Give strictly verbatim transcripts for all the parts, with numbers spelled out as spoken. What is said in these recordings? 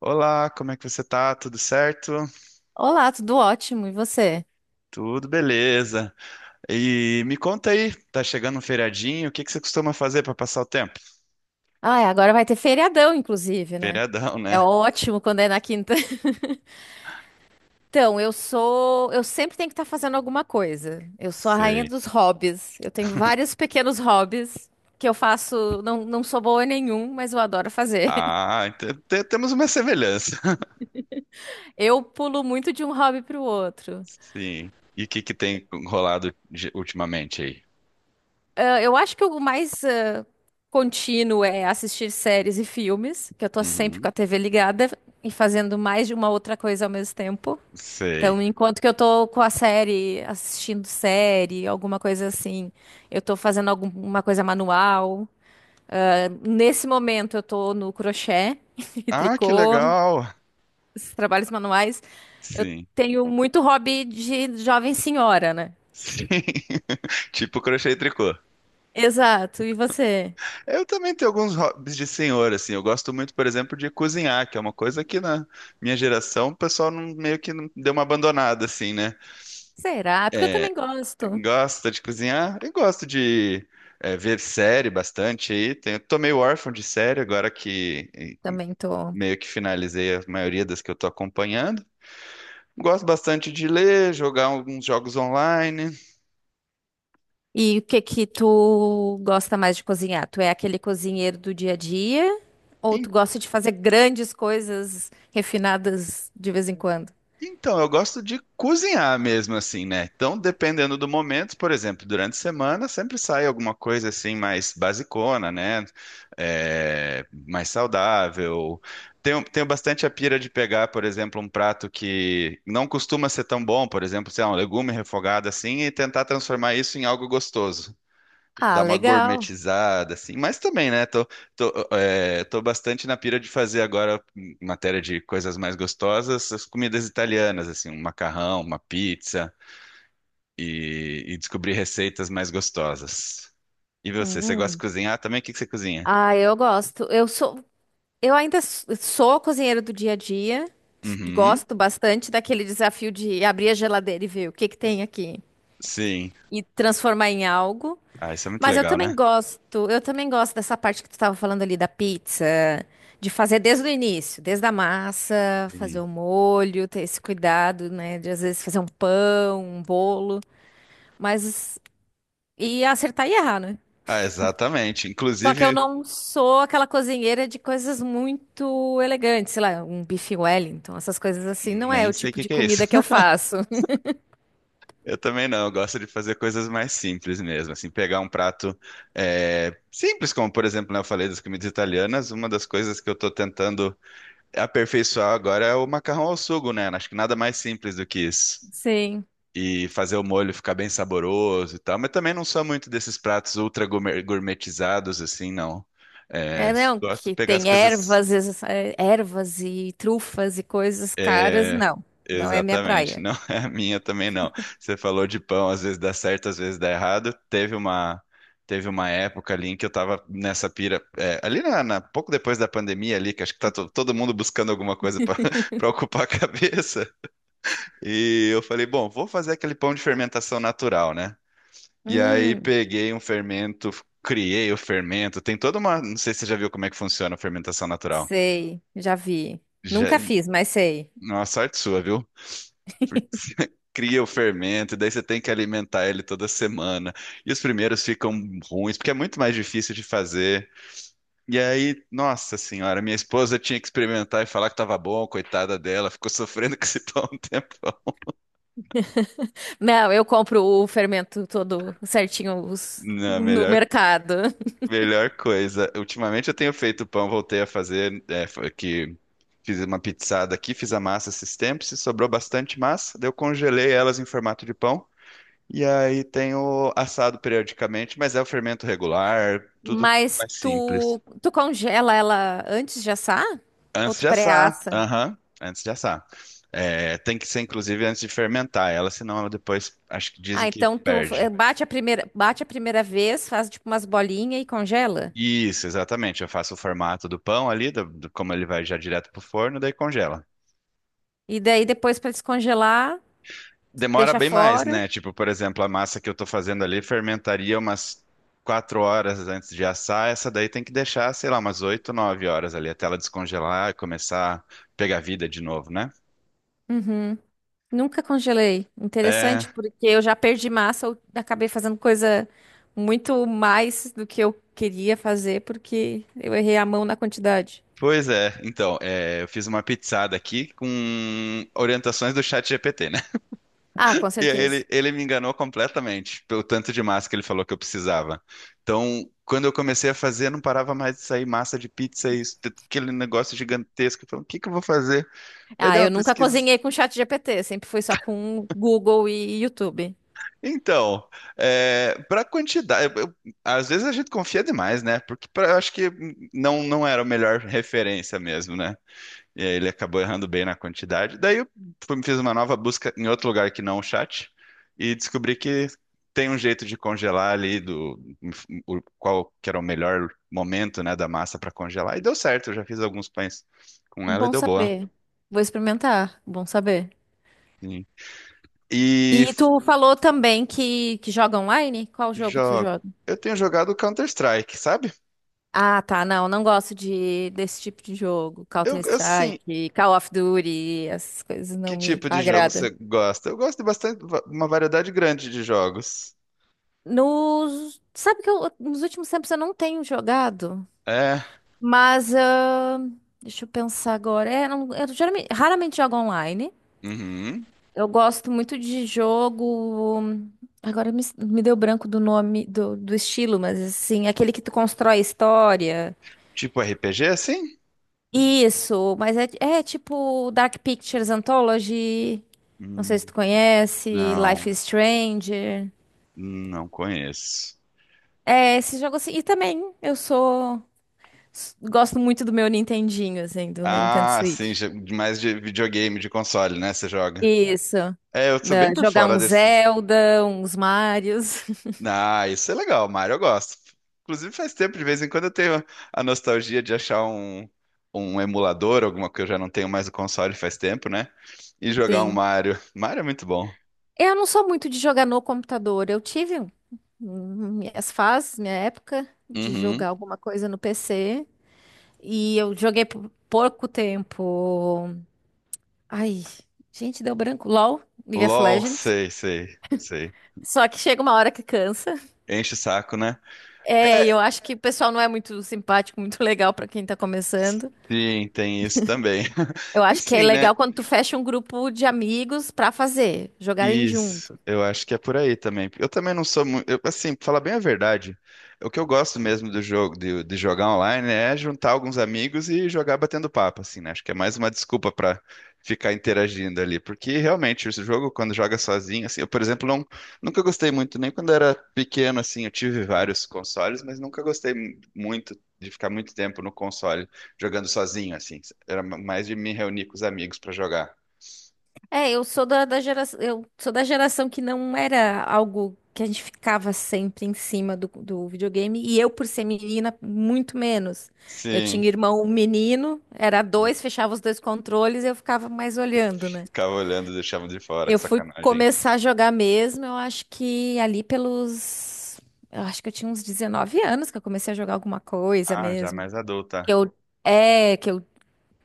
Olá, como é que você tá? Tudo certo? Olá, tudo ótimo, e você? Tudo beleza. E me conta aí, tá chegando um feriadinho, o que que você costuma fazer para passar o tempo? Ah, agora vai ter feriadão, inclusive, né? Feriadão, É né? ótimo quando é na quinta. Então, eu sou. Eu sempre tenho que estar fazendo alguma coisa. Eu sou a rainha Sei. dos hobbies. Eu tenho vários pequenos hobbies que eu faço. Não, não sou boa em nenhum, mas eu adoro fazer. Ah, então te- temos uma semelhança. Eu pulo muito de um hobby para o outro. Sim. E o que que tem rolado de- ultimamente aí? Ah, eu acho que o mais ah, contínuo é assistir séries e filmes, que eu tô sempre Uhum. com a T V ligada e fazendo mais de uma outra coisa ao mesmo tempo. Sei. Então, enquanto que eu tô com a série, assistindo série, alguma coisa assim, eu tô fazendo alguma coisa manual. Eh, Nesse momento, eu tô no crochê e Ah, que tricô, legal. esses trabalhos manuais. Eu Sim. tenho muito hobby de jovem senhora, né? Sim. Tipo crochê e tricô. Exato. E você? Eu também tenho alguns hobbies de senhor, assim. Eu gosto muito, por exemplo, de cozinhar, que é uma coisa que na minha geração o pessoal não- meio que não deu uma abandonada, assim, né? Será? É porque eu também gosto. Gosta de cozinhar e gosto de eh, ver série bastante aí. Tenho, tô meio órfão de série agora que eh, Também tô. meio que finalizei a maioria das que eu tô acompanhando. Gosto bastante de ler, jogar alguns jogos online. E o que que tu gosta mais de cozinhar? Tu é aquele cozinheiro do dia a dia ou tu gosta de fazer grandes coisas refinadas de vez em quando? Então, eu gosto de cozinhar mesmo, assim, né? Então, dependendo do momento, por exemplo, durante a semana sempre sai alguma coisa assim mais basicona, né? É, mais saudável. Tenho, tenho bastante a pira de pegar, por exemplo, um prato que não costuma ser tão bom, por exemplo, sei lá, um legume refogado assim, e tentar transformar isso em algo gostoso, Ah, dar uma legal. gourmetizada, assim. Mas também, né? Tô, tô, é, tô bastante na pira de fazer agora, em matéria de coisas mais gostosas, as comidas italianas, assim, um macarrão, uma pizza e, e descobrir receitas mais gostosas. E você, você gosta de Hum. cozinhar também? O que que você cozinha? Ah, eu gosto. Eu sou, eu ainda s- sou cozinheiro do dia a dia. S- Uhum, Gosto bastante daquele desafio de abrir a geladeira e ver o que que tem aqui sim. e transformar em algo. Ah, isso é muito Mas eu legal, também né? gosto, eu também gosto dessa parte que tu tava falando ali da pizza, de fazer desde o início, desde a massa, fazer Sim. o molho, ter esse cuidado, né, de às vezes fazer um pão, um bolo, mas e acertar e errar, né? Ah, exatamente. Só que eu Inclusive, não sou aquela cozinheira de coisas muito elegantes, sei lá, um bife Wellington, essas coisas assim, não é nem o sei o tipo que de que é isso. comida que eu faço. Eu também não, eu gosto de fazer coisas mais simples mesmo, assim, pegar um prato é, simples, como por exemplo, né, eu falei das comidas italianas, uma das coisas que eu tô tentando aperfeiçoar agora é o macarrão ao sugo, né? Acho que nada mais simples do que isso. Sim. E fazer o molho ficar bem saboroso e tal, mas também não sou muito desses pratos ultra gourmet- gourmetizados, assim, não. É, É, não, gosto de que pegar as tem coisas. ervas, es- eh, ervas e trufas e coisas caras, É, não. Não é minha exatamente. praia. Não é a minha também não. Você falou de pão, às vezes dá certo, às vezes dá errado. Teve uma teve uma época ali em que eu tava nessa pira, é, ali na, na- pouco depois da pandemia ali, que acho que tá to- todo mundo buscando alguma coisa para para ocupar a cabeça. E eu falei, bom, vou fazer aquele pão de fermentação natural, né? E aí Hum, peguei um fermento, criei o fermento. Tem toda uma, não sei se você já viu como é que funciona a fermentação natural. sei, já vi. Já, Nunca fiz, mas sei. nossa, sorte sua, viu? Cria o fermento, e daí você tem que alimentar ele toda semana. E os primeiros ficam ruins, porque é muito mais difícil de fazer. E aí, nossa senhora, minha esposa tinha que experimentar e falar que tava bom, coitada dela, ficou sofrendo com esse pão um tempão. Não, eu compro o fermento todo certinho os- Não, no melhor, mercado. melhor coisa. Ultimamente eu tenho feito pão, voltei a fazer, é, foi que fiz uma pizzada aqui, fiz a massa esses tempos, e sobrou bastante massa, daí eu congelei elas em formato de pão. E aí tem o assado periodicamente, mas é o fermento regular, tudo Mas mais simples. tu, tu congela ela antes de assar? Ou Antes tu de assar, pré-assa? aham, antes de assar. É, tem que ser, inclusive, antes de fermentar ela, senão ela depois, acho que Ah, dizem que então tu eh, perde. bate a primeira, bate a primeira vez, faz tipo umas bolinhas e congela. Isso, exatamente. Eu faço o formato do pão ali, do- do- como ele vai já direto pro forno, daí congela. E daí depois para descongelar, Demora deixa bem mais, fora. né? Tipo, por exemplo, a massa que eu tô fazendo ali fermentaria umas quatro horas antes de assar. Essa daí tem que deixar, sei lá, umas oito, nove horas ali até ela descongelar e começar a pegar vida de novo, né? Nunca congelei. É, Interessante, porque eu já perdi massa, eu acabei fazendo coisa muito mais do que eu queria fazer, porque eu errei a mão na quantidade. pois é. Então, é, eu fiz uma pizzada aqui com orientações do chat G P T, né? Ah, com E aí certeza. ele, ele me enganou completamente pelo tanto de massa que ele falou que eu precisava. Então, quando eu comecei a fazer, não parava mais de sair massa de pizza e isso, aquele negócio gigantesco. Eu falei, o que que eu vou fazer? Daí Ah, dei eu uma nunca pesquisa. cozinhei com chat G P T, sempre foi só com Google e YouTube. Então, é, para quantidade, eu- eu- às vezes a gente confia demais, né? Porque pra- eu acho que não, não era a melhor referência mesmo, né? E aí ele acabou errando bem na quantidade. Daí eu fui- fiz uma nova busca em outro lugar que não o chat e descobri que tem um jeito de congelar ali do o- qual que era o melhor momento, né, da massa para congelar. E deu certo, eu já fiz alguns pães com ela e Bom deu boa. saber. Vou experimentar, bom saber. Sim. E E tu falou também que, que joga online? Qual jogo tu jo- joga? eu tenho jogado Counter-Strike, sabe? Ah, tá, não, não gosto de desse tipo de jogo, Eu, assim, Counter-Strike, Call of Duty, essas coisas não que me tipo de jogo você agrada. gosta? Eu gosto de bastante, va- uma variedade grande de jogos. Nos, sabe que eu- nos últimos tempos eu não tenho jogado, É, mas ah, deixa eu pensar agora. É, não- eu geralmente- raramente jogo online. uhum. Eu gosto muito de jogo. Agora me, me deu branco do nome do, do estilo, mas assim, aquele que tu constrói história. Tipo R P G, assim? Isso, mas é, é tipo Dark Pictures Anthology. Não sei se Hum, tu conhece, Life não, is Strange. não conheço. É, esse jogo assim. E também eu sou. S- Gosto muito do meu Nintendinho, assim, do meu Nintendo Ah, sim, Switch. já- mais de videogame, de console, né? Você joga. Isso. É, eu sou bem Da- por jogar fora um desses. Zelda, uns Marios. Ah, isso é legal, Mario, eu gosto. Inclusive, faz tempo, de vez em quando eu tenho a nostalgia de achar um, um emulador, alguma que eu já não tenho mais o console faz tempo, né? E jogar um Sim. Mario. Mario é muito bom. Eu não sou muito de jogar no computador. Eu tive um- um- minhas fases, minha época de Uhum. jogar alguma coisa no P C. E eu joguei por pouco tempo. Ai, gente, deu branco. LOL, League of L O L, Legends. sei, sei, sei. Só que chega uma hora que cansa. Enche o saco, né? É, e eu É, acho que o pessoal não é muito simpático, muito legal pra quem tá começando. sim, tem isso também. Eu Tem acho que é sim, né? legal quando tu fecha um grupo de amigos pra fazer, jogarem Isso, junto. eu acho que é por aí também. Eu também não sou muito, assim, pra falar bem a verdade, o que eu gosto mesmo do jogo, de, de jogar online, é juntar alguns amigos e jogar batendo papo, assim, né? Acho que é mais uma desculpa pra ficar interagindo ali. Porque realmente, esse jogo, quando joga sozinho, assim, eu, por exemplo, não, nunca gostei muito, nem quando era pequeno, assim, eu tive vários consoles, mas nunca gostei mu- muito de ficar muito tempo no console jogando sozinho, assim. Era mais de me reunir com os amigos pra jogar. É, eu sou da, da geração, eu sou da geração que não era algo que a gente ficava sempre em cima do, do videogame, e eu, por ser menina, muito menos. Eu Sim. tinha irmão menino, era dois, fechava os dois controles e eu ficava mais olhando, né? Ficava olhando, e deixava de fora, que Eu fui sacanagem. começar a jogar mesmo, eu acho que ali pelos. Eu acho que eu tinha uns dezenove anos que eu comecei a jogar alguma coisa Ah, já mesmo. mais Que adulta. Eu, é, que eu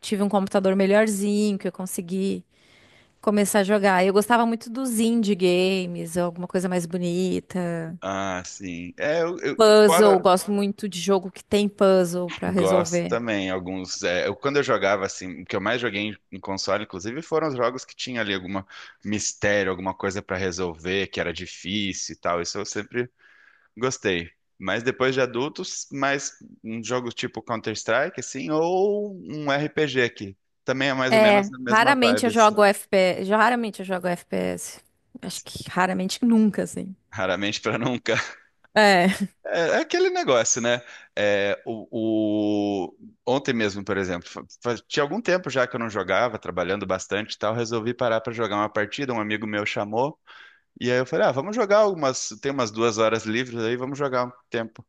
tive um computador melhorzinho, que eu consegui começar a jogar. Eu gostava muito dos indie games, alguma coisa mais bonita. Ah, sim. É, eu, eu- Puzzle, fora gosto muito de jogo que tem puzzle pra gosto resolver. também alguns. É, eu, quando eu jogava assim, o que eu mais joguei em, em console, inclusive, foram os jogos que tinha ali alguma mistério, alguma coisa pra resolver, que era difícil e tal. Isso eu sempre gostei. Mas depois de adultos, mais um jogo tipo Counter-Strike, assim, ou um R P G que também é mais ou menos É, a mesma raramente eu vibe, assim. jogo F P S. Raramente eu jogo F P S. Acho que raramente nunca, assim. Raramente pra nunca. É. É é aquele negócio, né? É, o, o- Ontem mesmo, por exemplo, fa- fa- tinha algum tempo já que eu não jogava, trabalhando bastante e tal, resolvi parar para jogar uma partida. Um amigo meu chamou, e aí eu falei: Ah, vamos jogar algumas. Tem umas duas horas livres aí, vamos jogar um tempo.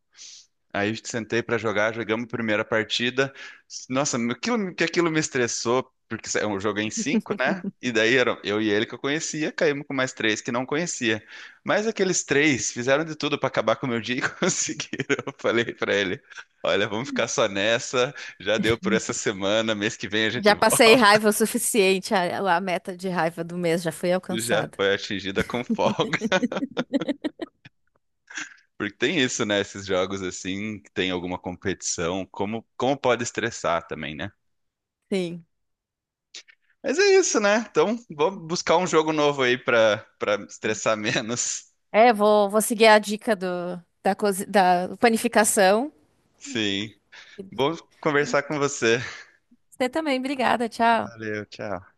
Aí eu sentei pra jogar, jogamos a primeira partida. Nossa, aquilo, que aquilo me estressou, porque é um jogo em cinco, né? E daí eram eu e ele que eu conhecia, caímos com mais três que não conhecia. Mas aqueles três fizeram de tudo pra acabar com o meu dia e conseguiram. Eu falei pra ele: Olha, vamos ficar só nessa, já deu por essa semana, mês que vem a gente Já passei volta. raiva o suficiente, a, a meta de raiva do mês já foi Já alcançada. foi atingida com folga. Porque tem isso, né? Esses jogos assim, que tem alguma competição, como, como pode estressar também, né? Sim. Mas é isso, né? Então, vamos buscar um jogo novo aí pra para estressar menos. É, vou, vou seguir a dica do, da, cozi- da panificação. Sim. Bom conversar com você. Você também, obrigada, tchau. Valeu, tchau.